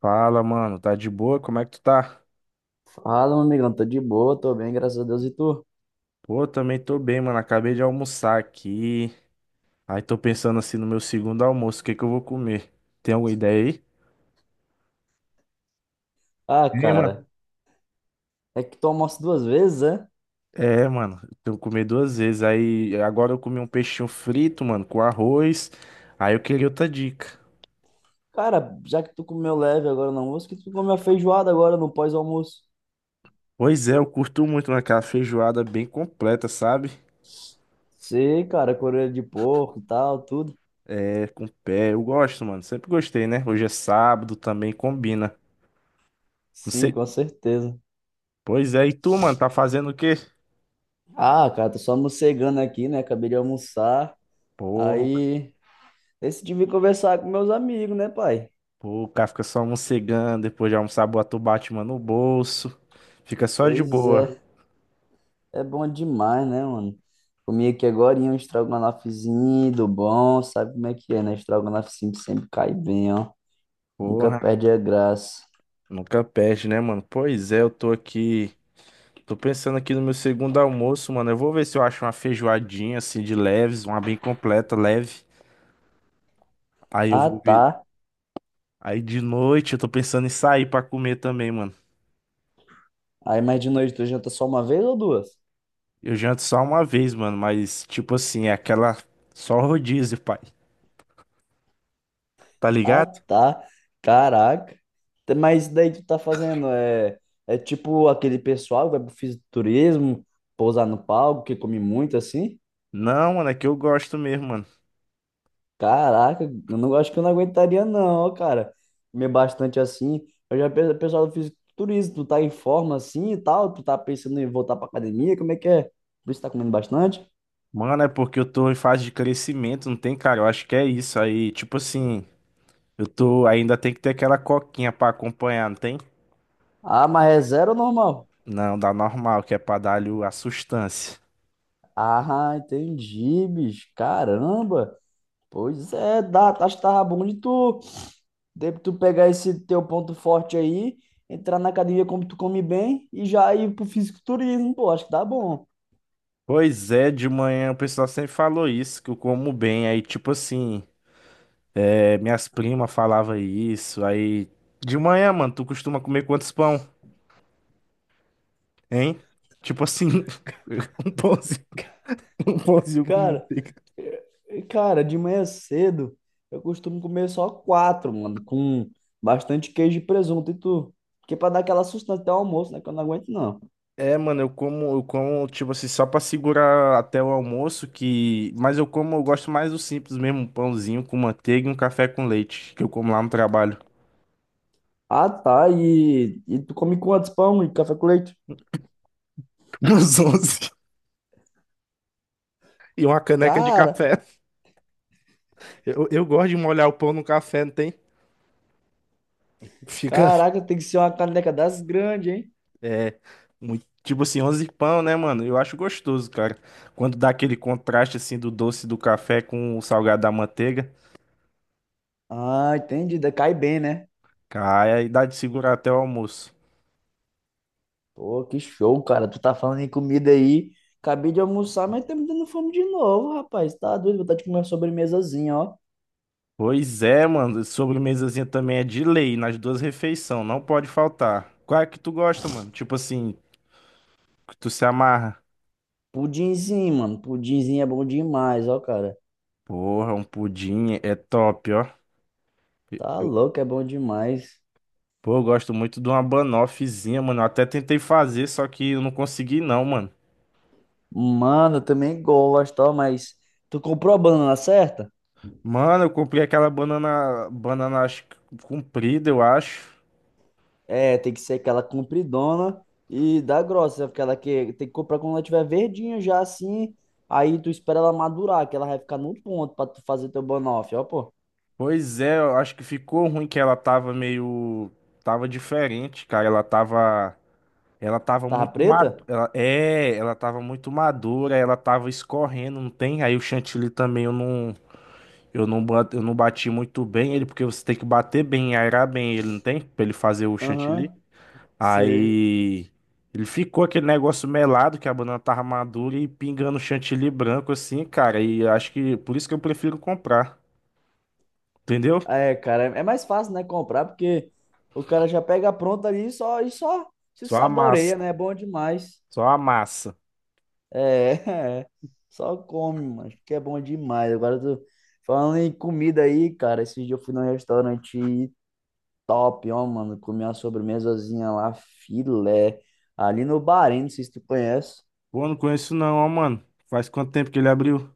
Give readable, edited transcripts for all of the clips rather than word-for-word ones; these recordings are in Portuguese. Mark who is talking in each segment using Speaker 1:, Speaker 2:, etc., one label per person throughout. Speaker 1: Fala, mano, tá de boa? Como é que tu tá?
Speaker 2: Fala, meu amigão, tô de boa, tô bem, graças a Deus. E tu?
Speaker 1: Pô, também tô bem, mano. Acabei de almoçar aqui. Aí tô pensando assim no meu segundo almoço, o que que eu vou comer? Tem alguma ideia aí?
Speaker 2: Ah,
Speaker 1: Tem,
Speaker 2: cara,
Speaker 1: mano.
Speaker 2: é que tu almoça duas vezes, é?
Speaker 1: É, mano, eu tenho que comer duas vezes. Aí agora eu comi um peixinho frito, mano, com arroz. Aí eu queria outra dica.
Speaker 2: Cara, já que tu comeu leve agora no almoço, que tu comeu a feijoada agora no pós-almoço?
Speaker 1: Pois é, eu curto muito, mano, aquela feijoada bem completa, sabe?
Speaker 2: Sei, cara, orelha de porco e tal, tudo.
Speaker 1: É, com pé, eu gosto, mano. Sempre gostei, né? Hoje é sábado, também combina. Não
Speaker 2: Sim,
Speaker 1: sei.
Speaker 2: com certeza.
Speaker 1: Pois é, e tu, mano, tá fazendo o quê?
Speaker 2: Ah, cara, tô só morcegando aqui, né? Acabei de almoçar.
Speaker 1: Porra.
Speaker 2: Aí decidi vir conversar com meus amigos, né, pai?
Speaker 1: Pô, o cara fica só mocegando, depois de almoçar, bota o Batman no bolso. Fica só de
Speaker 2: Pois
Speaker 1: boa.
Speaker 2: é. É bom demais, né, mano? Comi aqui agora um estrogonofezinho do bom, sabe como é que é, né? Estrogonofe sempre, sempre cai bem, ó. Nunca
Speaker 1: Porra,
Speaker 2: perde a graça.
Speaker 1: nunca perde, né, mano? Pois é, eu tô aqui. Tô pensando aqui no meu segundo almoço, mano. Eu vou ver se eu acho uma feijoadinha, assim, de leves, uma bem completa, leve. Aí eu
Speaker 2: Ah,
Speaker 1: vou ver.
Speaker 2: tá.
Speaker 1: Aí de noite eu tô pensando em sair pra comer também, mano.
Speaker 2: Aí, mas de noite tu janta só uma vez ou duas?
Speaker 1: Eu janto só uma vez, mano, mas tipo assim, é aquela. Só rodízio, pai. Tá
Speaker 2: Ah,
Speaker 1: ligado?
Speaker 2: tá. Caraca. Tá, mas isso daí tu tá fazendo é, é tipo aquele pessoal que vai pro fisiculturismo, pousar no palco, que come muito assim?
Speaker 1: Não, mano, é que eu gosto mesmo, mano.
Speaker 2: Caraca, eu não acho que eu não aguentaria, não, cara. Comer bastante assim. Eu já penso, pessoal do fisiculturismo, tu tá em forma assim e tal, tu tá pensando em voltar pra academia, como é que é? Por isso tá comendo bastante?
Speaker 1: Mano, é porque eu tô em fase de crescimento, não tem, cara? Eu acho que é isso aí. Tipo assim, eu tô ainda tem que ter aquela coquinha pra acompanhar, não tem?
Speaker 2: Ah, mas é zero ou normal?
Speaker 1: Não, dá normal, que é pra dar-lhe a sustância.
Speaker 2: Ah, entendi, bicho. Caramba. Pois é, dá, tá, acho que tava bom de tu pegar esse teu ponto forte aí, entrar na academia como tu come bem e já ir pro fisiculturismo, pô, acho que dá bom.
Speaker 1: Pois é, de manhã o pessoal sempre falou isso, que eu como bem. Aí, tipo assim, é, minhas primas falavam isso. Aí, de manhã, mano, tu costuma comer quantos pão, hein? Tipo assim, um pãozinho, um pãozinho com
Speaker 2: Cara,
Speaker 1: manteiga.
Speaker 2: Cara, de manhã cedo eu costumo comer só quatro, mano, com bastante queijo e presunto. E tu? Porque pra dar aquela sustância até o almoço, né? Que eu não aguento, não.
Speaker 1: É, mano, eu como, tipo assim, só pra segurar até o almoço, que... Mas eu como, eu gosto mais do simples mesmo, um pãozinho com manteiga e um café com leite, que eu como lá no trabalho,
Speaker 2: Ah, tá. E tu come quantos pão e café com leite?
Speaker 1: nos 11 e uma caneca de
Speaker 2: Cara,
Speaker 1: café. Eu gosto de molhar o pão no café, não tem? Fica,
Speaker 2: caraca, tem que ser uma caneca das grandes, hein?
Speaker 1: é, muito, tipo assim, 11 pão, né, mano? Eu acho gostoso, cara. Quando dá aquele contraste, assim, do doce do café com o salgado da manteiga,
Speaker 2: Ah, entendi. Da- cai bem, né?
Speaker 1: cai aí dá de segurar até o almoço.
Speaker 2: Pô, que show, cara. Tu tá falando em comida aí. Acabei de almoçar, mas tá me dando fome de novo, rapaz. Tá doido, vontade de comer uma sobremesazinha, ó.
Speaker 1: Pois é, mano. Sobremesazinha também é de lei nas duas refeições, não pode faltar. Qual é que tu gosta, mano? Tipo assim, que tu se amarra.
Speaker 2: Pudinzinho, mano. Pudinzinho é bom demais, ó, cara.
Speaker 1: Porra, um pudim é top, ó.
Speaker 2: Tá
Speaker 1: Eu-
Speaker 2: louco, é bom demais.
Speaker 1: pô, eu gosto muito de uma banoffzinha, mano. Eu até tentei fazer, só que eu não consegui não, mano.
Speaker 2: Mano, eu também gosto, ó, mas tu comprou a banana certa?
Speaker 1: Mano, eu comprei aquela banana acho que comprida, eu acho.
Speaker 2: É, tem que ser aquela compridona e da grossa, aquela que tem que comprar quando ela tiver verdinha já assim. Aí tu espera ela madurar, que ela vai ficar no ponto pra tu fazer teu banoffee, ó, pô.
Speaker 1: Pois é, eu acho que ficou ruim que ela tava diferente, cara. Ela tava
Speaker 2: Tava
Speaker 1: muito madura.
Speaker 2: preta?
Speaker 1: Ela tava muito madura, ela tava escorrendo, não tem? Aí o chantilly também eu não bati muito bem ele, porque você tem que bater bem, aerar bem ele, não tem? Pra ele fazer o chantilly.
Speaker 2: Aham, sei.
Speaker 1: Aí ele ficou aquele negócio melado, que a banana tava madura e pingando chantilly branco assim, cara. E acho que por isso que eu prefiro comprar, entendeu?
Speaker 2: É, cara, é mais fácil, né, comprar, porque o cara já pega pronta ali e só se
Speaker 1: Só a massa,
Speaker 2: saboreia, né? É bom demais.
Speaker 1: só a massa.
Speaker 2: É, é. Só come, mas que é bom demais. Agora eu tô falando em comida aí, cara. Esses dias eu fui num restaurante top, ó, mano. Comi uma sobremesazinha lá, filé, ali no Bahrein, não sei se tu conhece.
Speaker 1: Pô, não conheço não, ó, mano. Faz quanto tempo que ele abriu?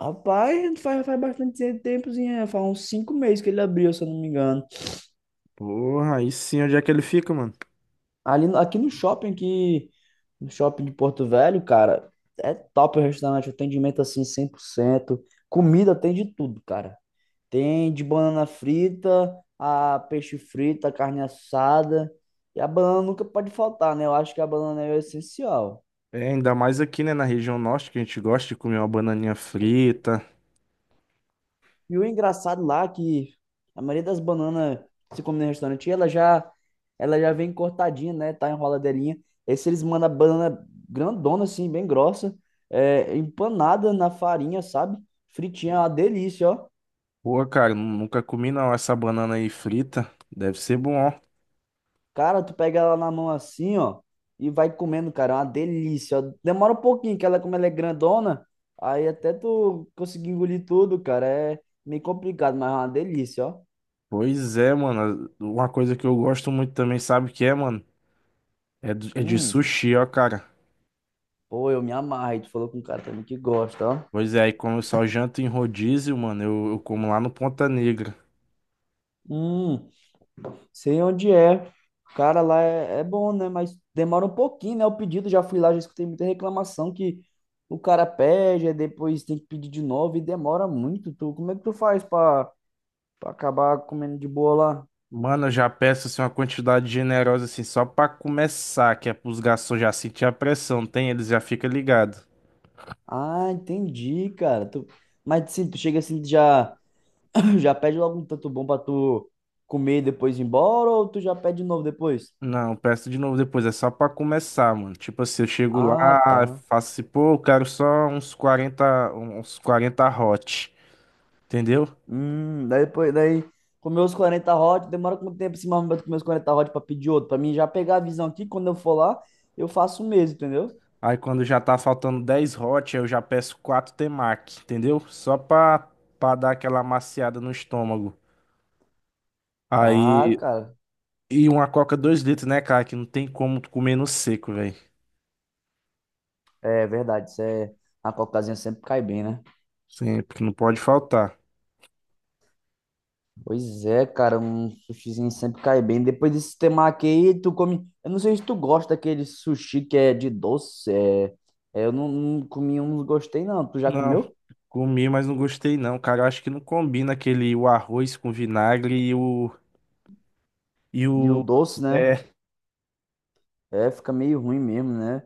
Speaker 2: Rapaz, faz bastante tempozinho, é, faz uns 5 meses que ele abriu, se eu não me engano.
Speaker 1: Porra, aí sim, onde é que ele fica, mano?
Speaker 2: Ali, no shopping de Porto Velho, cara, é top o restaurante, atendimento assim 100%, comida tem de tudo, cara. Tem de banana frita, a peixe frito, a carne assada. E a banana nunca pode faltar, né? Eu acho que a banana é o essencial.
Speaker 1: É, ainda mais aqui, né, na região norte, que a gente gosta de comer uma bananinha frita.
Speaker 2: E o engraçado lá é que a maioria das bananas que se come no restaurante, ela já vem cortadinha, né? Tá enroladeirinha. Esse eles mandam a banana grandona, assim, bem grossa, é, empanada na farinha, sabe? Fritinha, é uma delícia, ó.
Speaker 1: Pô, cara, nunca comi não essa banana aí frita. Deve ser bom, ó.
Speaker 2: Cara, tu pega ela na mão assim, ó, e vai comendo, cara. É uma delícia, ó. Demora um pouquinho, que ela, como ela é grandona, aí até tu conseguir engolir tudo, cara, é meio complicado, mas é uma delícia, ó.
Speaker 1: Pois é, mano. Uma coisa que eu gosto muito também, sabe o que é, mano? É de
Speaker 2: Hum,
Speaker 1: sushi, ó, cara.
Speaker 2: pô, eu me amarro. E tu falou com um cara também que gosta, ó.
Speaker 1: Pois é, aí como eu só janto em rodízio, mano, eu como lá no Ponta Negra.
Speaker 2: Hum, sei onde é. Cara, lá é, é bom, né? Mas demora um pouquinho, né? O pedido, já fui lá, já escutei muita reclamação que o cara pede, aí depois tem que pedir de novo e demora muito. Tu, como é que tu faz pra acabar comendo de boa lá?
Speaker 1: Mano, eu já peço assim uma quantidade generosa assim, só pra começar, que é pros garçons já sentir a pressão, tem? Eles já ficam ligados.
Speaker 2: Ah, entendi, cara. Tu... mas assim, tu chega assim, tu já já pede logo um tanto bom pra tu comer e depois ir embora, ou tu já pede de novo depois?
Speaker 1: Não, peço de novo depois, é só pra começar, mano. Tipo assim, eu chego lá,
Speaker 2: Ah, tá.
Speaker 1: faço assim, pô, eu quero só uns quarenta hot, entendeu?
Speaker 2: Daí comer os 40 hot, demora quanto tempo assim, mais ou menos pra comer os 40 hot pra pedir outro? Pra mim já pegar a visão aqui, quando eu for lá, eu faço o mesmo, entendeu?
Speaker 1: Aí quando já tá faltando 10 hot, eu já peço 4 temaki, entendeu? Só pra dar aquela amaciada no estômago.
Speaker 2: Ah,
Speaker 1: Aí,
Speaker 2: cara,
Speaker 1: e uma coca 2 litros, né, cara? Que não tem como tu comer no seco, velho.
Speaker 2: é verdade, isso é... a cocazinha sempre cai bem, né?
Speaker 1: Sim, porque não pode faltar.
Speaker 2: Pois é, cara, um sushizinho sempre cai bem. Depois desse temaki aí, tu come. Eu não sei se tu gosta daquele sushi que é de doce. É... eu não, não comi um, não gostei, não. Tu já
Speaker 1: Não,
Speaker 2: comeu?
Speaker 1: comi, mas não gostei não, cara. Eu acho que não combina aquele o arroz com vinagre e o E
Speaker 2: E o
Speaker 1: o.
Speaker 2: doce, né?
Speaker 1: É,
Speaker 2: É, fica meio ruim mesmo, né?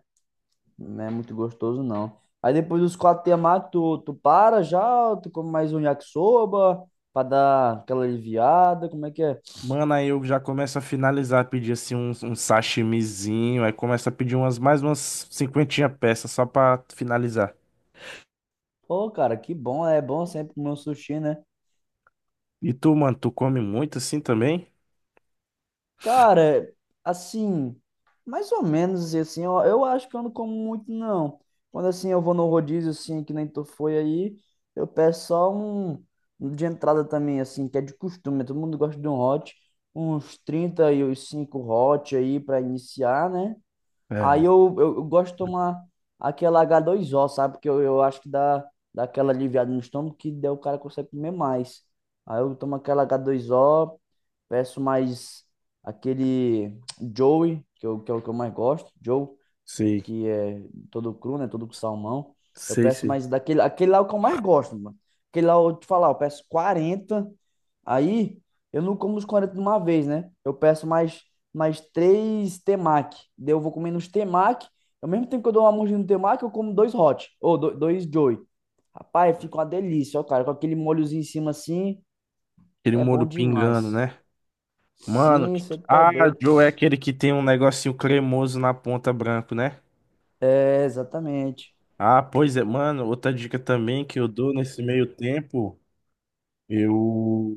Speaker 2: Não é muito gostoso, não. Aí depois dos quatro temaki, tu para já? Tu come mais um yakisoba pra dar aquela aliviada? Como é que é?
Speaker 1: mano, aí eu já começo a finalizar, pedir assim um, sashimizinho, aí começa a pedir umas mais umas cinquentinha peças só pra finalizar.
Speaker 2: Pô, cara, que bom. É bom sempre comer um sushi, né?
Speaker 1: E tu, mano, tu come muito assim também?
Speaker 2: Cara, assim, mais ou menos assim, eu acho que eu não como muito, não. Quando assim eu vou no rodízio, assim, que nem tu foi aí, eu peço só um, um de entrada também, assim, que é de costume, todo mundo gosta de um hot, uns trinta e os cinco hot aí pra iniciar, né? Aí
Speaker 1: É,
Speaker 2: eu gosto de tomar aquela H2O, sabe? Porque eu acho que dá, dá aquela aliviada no estômago que daí o cara consegue comer mais. Aí eu tomo aquela H2O, peço mais aquele Joey, que é o que eu mais gosto, Joe,
Speaker 1: sei,
Speaker 2: que é todo cru, né? Todo com salmão. Eu
Speaker 1: sei,
Speaker 2: peço
Speaker 1: sei.
Speaker 2: mais daquele, aquele lá é o que eu mais gosto, mano. Aquele lá, eu te falar, eu peço 40, aí eu não como os 40 de uma vez, né? Eu peço mais três temaki. Daí eu vou comendo uns temaki, ao mesmo tempo que eu dou uma mordida no temaki, eu como dois hot, ou dois joy. Rapaz, fica uma delícia, ó, cara. Com aquele molhozinho em cima assim,
Speaker 1: Aquele
Speaker 2: é bom
Speaker 1: molho pingando,
Speaker 2: demais.
Speaker 1: né? Mano,
Speaker 2: Sim, você tá
Speaker 1: ah,
Speaker 2: doido.
Speaker 1: Joe é aquele que tem um negocinho cremoso na ponta branco, né?
Speaker 2: É, exatamente.
Speaker 1: Ah, pois é, mano, outra dica também que eu dou nesse meio tempo, eu.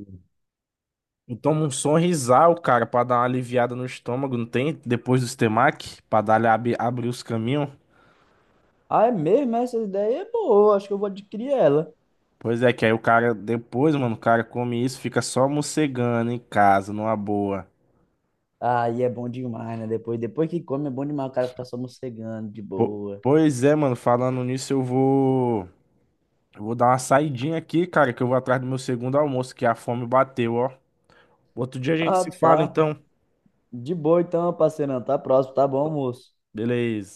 Speaker 1: Eu tomo um sonrisal, cara, pra dar uma aliviada no estômago, não tem? Depois do Stemac, pra dar abrir os caminhos.
Speaker 2: Ah, é mesmo? Essa ideia é boa. Acho que eu vou adquirir ela.
Speaker 1: Pois é, que aí o cara, depois, mano, o cara come isso, fica só mocegando em casa, numa boa.
Speaker 2: Aí é bom demais, né? Depois que come é bom demais o cara ficar só morcegando, de
Speaker 1: Po-
Speaker 2: boa.
Speaker 1: pois é, mano, falando nisso, Eu vou dar uma saidinha aqui, cara, que eu vou atrás do meu segundo almoço, que a fome bateu, ó. Outro dia a gente
Speaker 2: Ah,
Speaker 1: se fala,
Speaker 2: tá.
Speaker 1: então.
Speaker 2: De boa então, parceirão. Tá próximo, tá bom, moço?
Speaker 1: Beleza.